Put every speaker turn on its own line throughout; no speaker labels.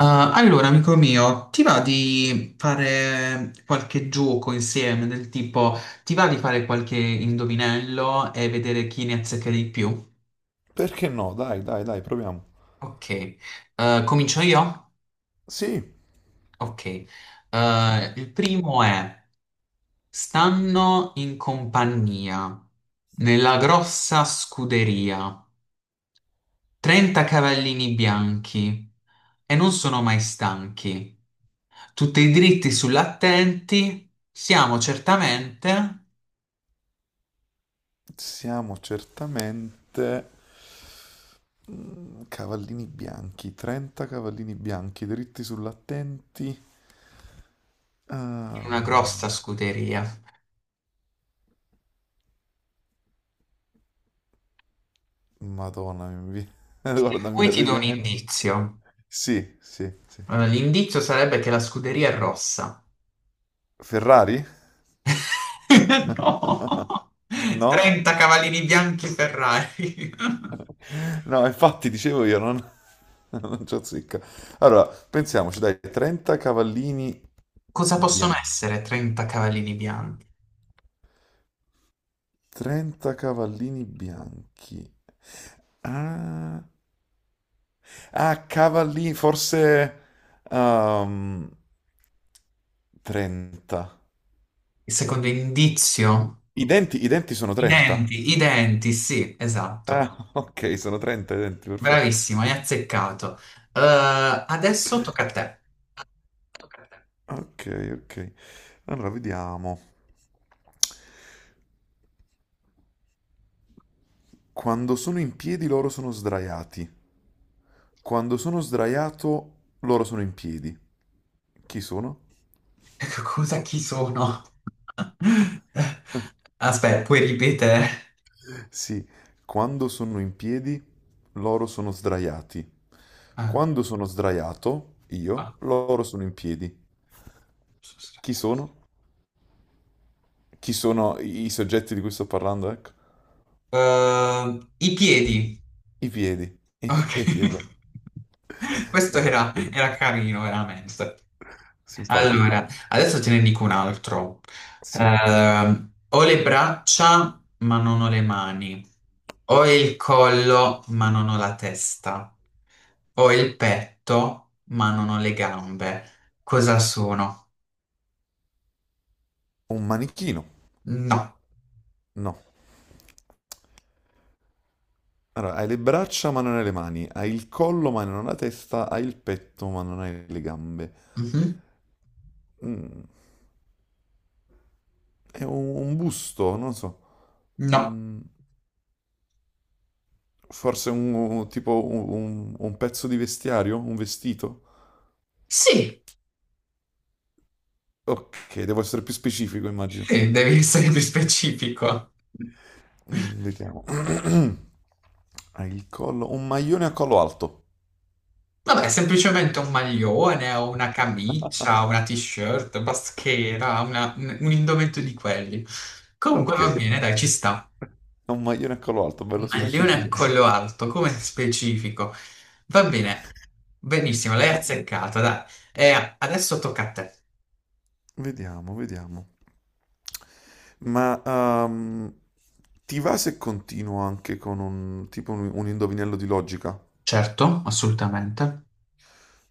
Ah, allora, amico mio, ti va di fare qualche gioco insieme del tipo, ti va di fare qualche indovinello e vedere chi ne azzecca di più?
Perché no? Dai, dai, dai, proviamo.
Ok. Comincio io?
Sì,
Ok. Il primo è, stanno in compagnia, nella grossa scuderia, 30 cavallini bianchi e non sono mai stanchi, tutti dritti sull'attenti, siamo certamente
siamo certamente cavallini bianchi, 30 cavallini bianchi dritti sull'attenti.
in una
Ah,
grossa scuderia. In
Madonna, guarda, mi
cui ti do
verrebbe
un
in mente.
indizio.
Sì, sì, sì.
L'indizio sarebbe che la scuderia è rossa.
Ferrari?
No!
No?
30 cavallini bianchi Ferrari.
No, infatti dicevo io, non, non c'ho zicca. Allora, pensiamoci, dai, 30 cavallini
Cosa possono
bianchi.
essere 30 cavallini bianchi?
30 cavallini bianchi. Ah, ah, cavallini, forse ehm, 30.
Il secondo indizio?
I denti sono 30?
I denti, sì, esatto.
Ah, ok, sono 30 i denti, perfetto.
Bravissimo, hai azzeccato. Adesso tocca a te.
Ok, ok. Allora, vediamo. Quando sono in piedi loro sono sdraiati. Quando sono sdraiato loro sono in piedi. Chi sono?
Cosa chi sono? Aspetta, puoi ripetere?
Sì, quando sono in piedi, loro sono sdraiati.
Ah,
Quando sono sdraiato,
ah,
io, loro sono in piedi.
sono
Chi
sbagliato.
sono? Chi sono i soggetti di cui sto parlando? Ecco.
I piedi.
I piedi. I
Ok.
piedi, esatto.
Questo era,
Esatto.
era carino, veramente.
Simpatico.
Allora, adesso te ne dico un altro.
Sì.
Ho le braccia, ma non ho le mani. Ho il collo, ma non ho la testa. Ho il petto, ma non ho le gambe. Cosa sono?
Un manichino.
No.
No. Allora, hai le braccia ma non hai le mani, hai il collo ma non hai la testa, hai il petto ma non hai le gambe.
Mhm.
Mm, è un busto, non lo so.
No.
Un, forse un, tipo un, un pezzo di vestiario? Un vestito?
Sì,
Ok, devo essere più specifico, immagino.
sì, devi essere più specifico.
Mm, vediamo. Ha il collo. Un maglione a collo alto.
Vabbè, semplicemente un maglione o una camicia, una t-shirt, baschera, un indumento di quelli. Comunque
Ok.
va bene, dai, ci sta.
Ha un maglione a collo alto, bello
Maglione a
specifico.
collo alto, come specifico. Va bene, benissimo, l'hai
Ah,
azzeccata, dai. E adesso tocca a te.
vediamo, vediamo. Ma ti va se continuo anche con un tipo un indovinello di logica?
Certo, assolutamente.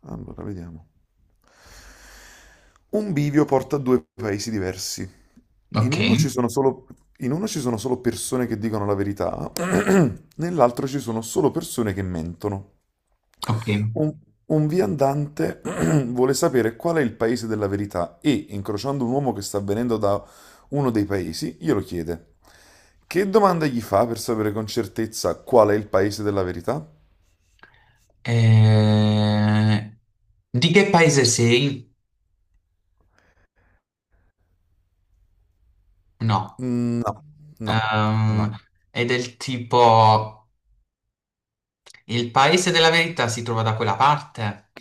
Allora, vediamo. Un bivio porta a due paesi diversi. In
Ok,
uno ci sono solo, in uno ci sono solo persone che dicono la verità, nell'altro ci sono solo persone che mentono.
ok.
Un, un viandante vuole sapere qual è il paese della verità e, incrociando un uomo che sta venendo da uno dei paesi, glielo chiede. Che domanda gli fa per sapere con certezza qual è il paese della verità?
Eh, Di che paese sei? No.
Mm, no, no, no.
Ehm, è del tipo il paese della verità si trova da quella parte?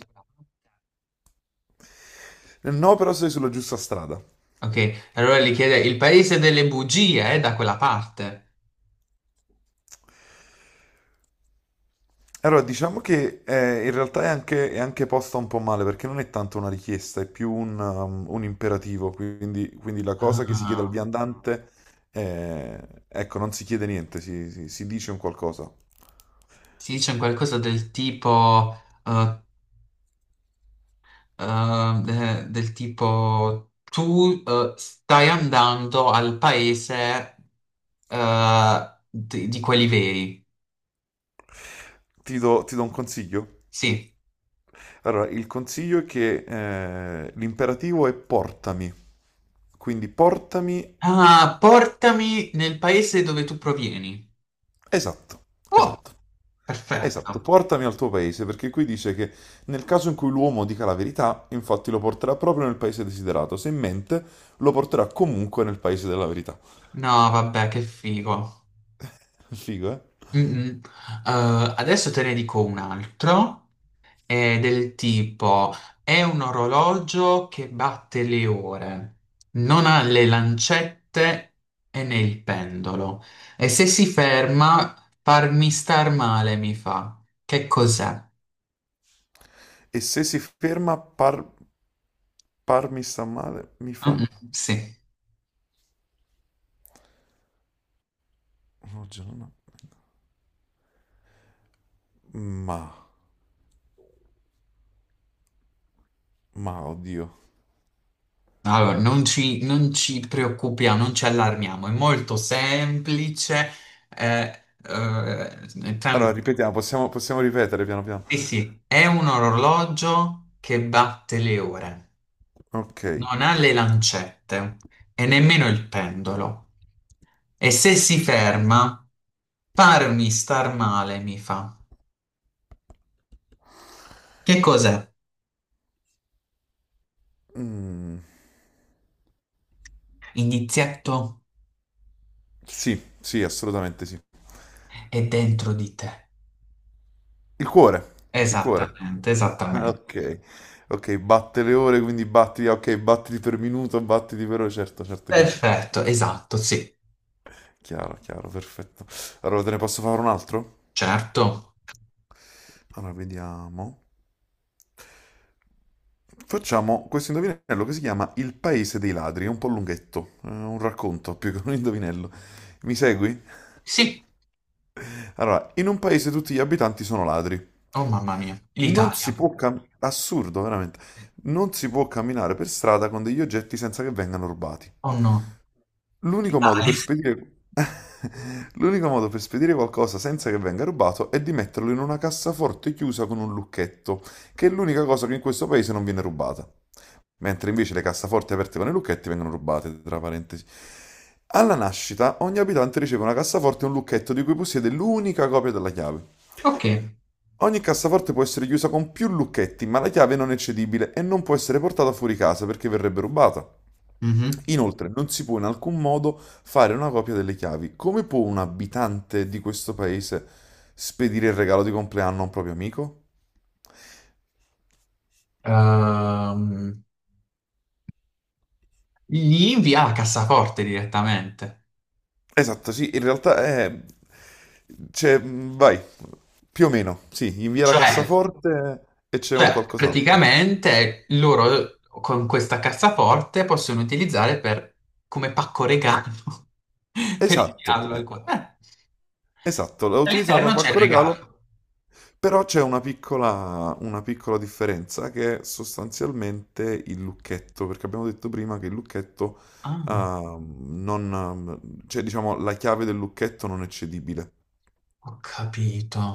No, però sei sulla giusta strada.
Ok, allora gli chiede, il paese delle bugie è da quella parte?
Allora, diciamo che in realtà è anche posta un po' male perché non è tanto una richiesta, è più un, un imperativo. Quindi la cosa che si chiede al
Ah,
viandante, ecco, non si chiede niente, si, si dice un qualcosa.
si dice un qualcosa del tipo, eh, del tipo, tu stai andando al paese di quelli veri.
Ti do un consiglio?
Sì.
Allora, il consiglio è che l'imperativo è portami. Quindi portami.
Ah, portami nel paese dove tu provieni.
Esatto,
Oh,
esatto. Esatto,
perfetto.
portami al tuo paese, perché qui dice che nel caso in cui l'uomo dica la verità, infatti lo porterà proprio nel paese desiderato, se mente lo porterà comunque nel paese della verità.
No, vabbè, che figo.
Figo, eh?
Mm-mm. Adesso te ne dico un altro, è del tipo, è un orologio che batte le ore, non ha le lancette e né il pendolo, e se si ferma, farmi star male mi fa. Che cos'è?
E se si ferma, parmi sta male, mi fa...
Mm-mm, sì.
Oggi non ho- Ma, ma, oddio.
Allora, non ci preoccupiamo, non ci allarmiamo, è molto semplice,
Allora,
tranquillo.
ripetiamo, possiamo, possiamo ripetere piano piano.
Sì, sì, è un orologio che batte le ore,
Ok.
non ha le lancette e nemmeno il pendolo. E se si ferma, farmi star male mi fa. Che cos'è?
Mm,
Inizietto
sì, sì, assolutamente sì.
è dentro di te.
Il cuore, il cuore.
Esattamente, esattamente.
Ok, ok, batte le ore, quindi batti, ok, battiti per minuto, battiti per ore, certo, certo, chiaro,
Perfetto, esatto, sì,
chiaro, chiaro, perfetto. Allora, te ne posso fare un altro?
certo.
Allora, vediamo. Facciamo questo indovinello che si chiama Il paese dei ladri, è un po' lunghetto, è un racconto più che un indovinello. Mi segui?
Sì,
Allora, in un paese tutti gli abitanti sono ladri.
oh mamma mia,
Non
l'Italia.
si può camminare, assurdo, veramente, non si può camminare per strada con degli oggetti senza che vengano rubati.
Oh no,
L'unico modo
l'Italia.
per spedire... L'unico modo per spedire qualcosa senza che venga rubato è di metterlo in una cassaforte chiusa con un lucchetto, che è l'unica cosa che in questo paese non viene rubata. Mentre invece le cassaforti aperte con i lucchetti vengono rubate, tra parentesi. Alla nascita, ogni abitante riceve una cassaforte e un lucchetto di cui possiede l'unica copia della chiave.
Ok.
Ogni cassaforte può essere chiusa con più lucchetti, ma la chiave non è cedibile e non può essere portata fuori casa perché verrebbe rubata.
Mhm.
Inoltre, non si può in alcun modo fare una copia delle chiavi. Come può un abitante di questo paese spedire il regalo di compleanno a un proprio amico?
Ehm, Gli invia la cassaforte direttamente.
Esatto, sì, in realtà è... Cioè, vai, più o meno, sì, invia la
Cioè, sì,
cassaforte e c'è un
cioè,
qualcos'altro.
praticamente loro con questa cassaforte possono utilizzare per- come pacco regalo per
Esatto,
inviarlo al qua.
esatto, la utilizzano come
All'interno c'è il
pacco regalo,
regalo.
però c'è una piccola differenza che è sostanzialmente il lucchetto, perché abbiamo detto prima che il lucchetto,
Ah,
ehm, non, cioè diciamo la chiave del lucchetto non è cedibile.
ho capito.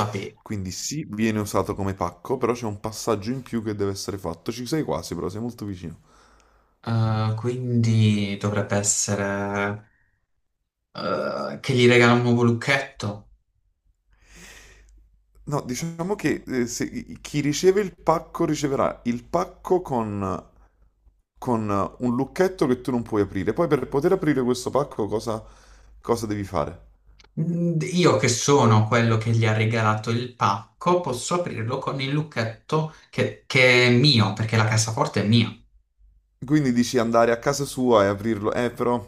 Va bene.
Quindi sì, viene usato come pacco, però c'è un passaggio in più che deve essere fatto. Ci sei quasi, però sei molto vicino.
Quindi dovrebbe essere che gli regala un nuovo lucchetto.
No, diciamo che chi riceve il pacco riceverà il pacco con un lucchetto che tu non puoi aprire. Poi per poter aprire questo pacco cosa, cosa devi fare?
Mm, io che sono quello che gli ha regalato il pacco, posso aprirlo con il lucchetto che è mio, perché la cassaforte è mia.
Quindi dici andare a casa sua e aprirlo. Però,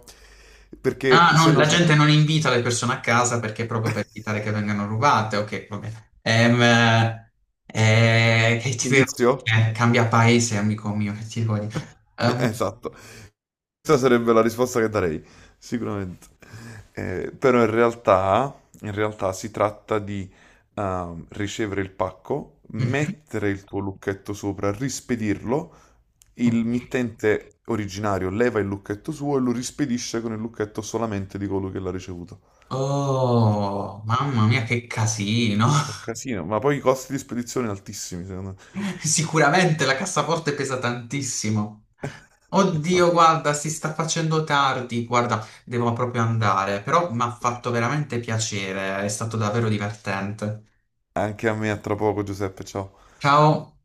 Ah,
perché se
non-
no
la
c'è...
gente non invita le persone a casa perché proprio per evitare che vengano rubate. Ok, va bene. Che ti devo
Indizio?
dire? Cambia paese, amico mio, che ti devo dire? Ehm,
Esatto. Questa sarebbe la risposta che darei, sicuramente. Però in realtà si tratta di ricevere il pacco,
mhm.
mettere il tuo lucchetto sopra, rispedirlo, il mittente originario leva il lucchetto suo e lo rispedisce con il lucchetto solamente di colui che l'ha ricevuto.
Oh, mamma mia, che casino!
È un casino, ma poi i costi di spedizione altissimi, secondo me.
Sicuramente la cassaforte pesa tantissimo. Oddio,
Esatto.
guarda, si sta facendo tardi, guarda, devo proprio andare, però mi ha fatto veramente piacere, è stato davvero divertente.
Anche a me, a tra poco, Giuseppe, ciao.
Ciao.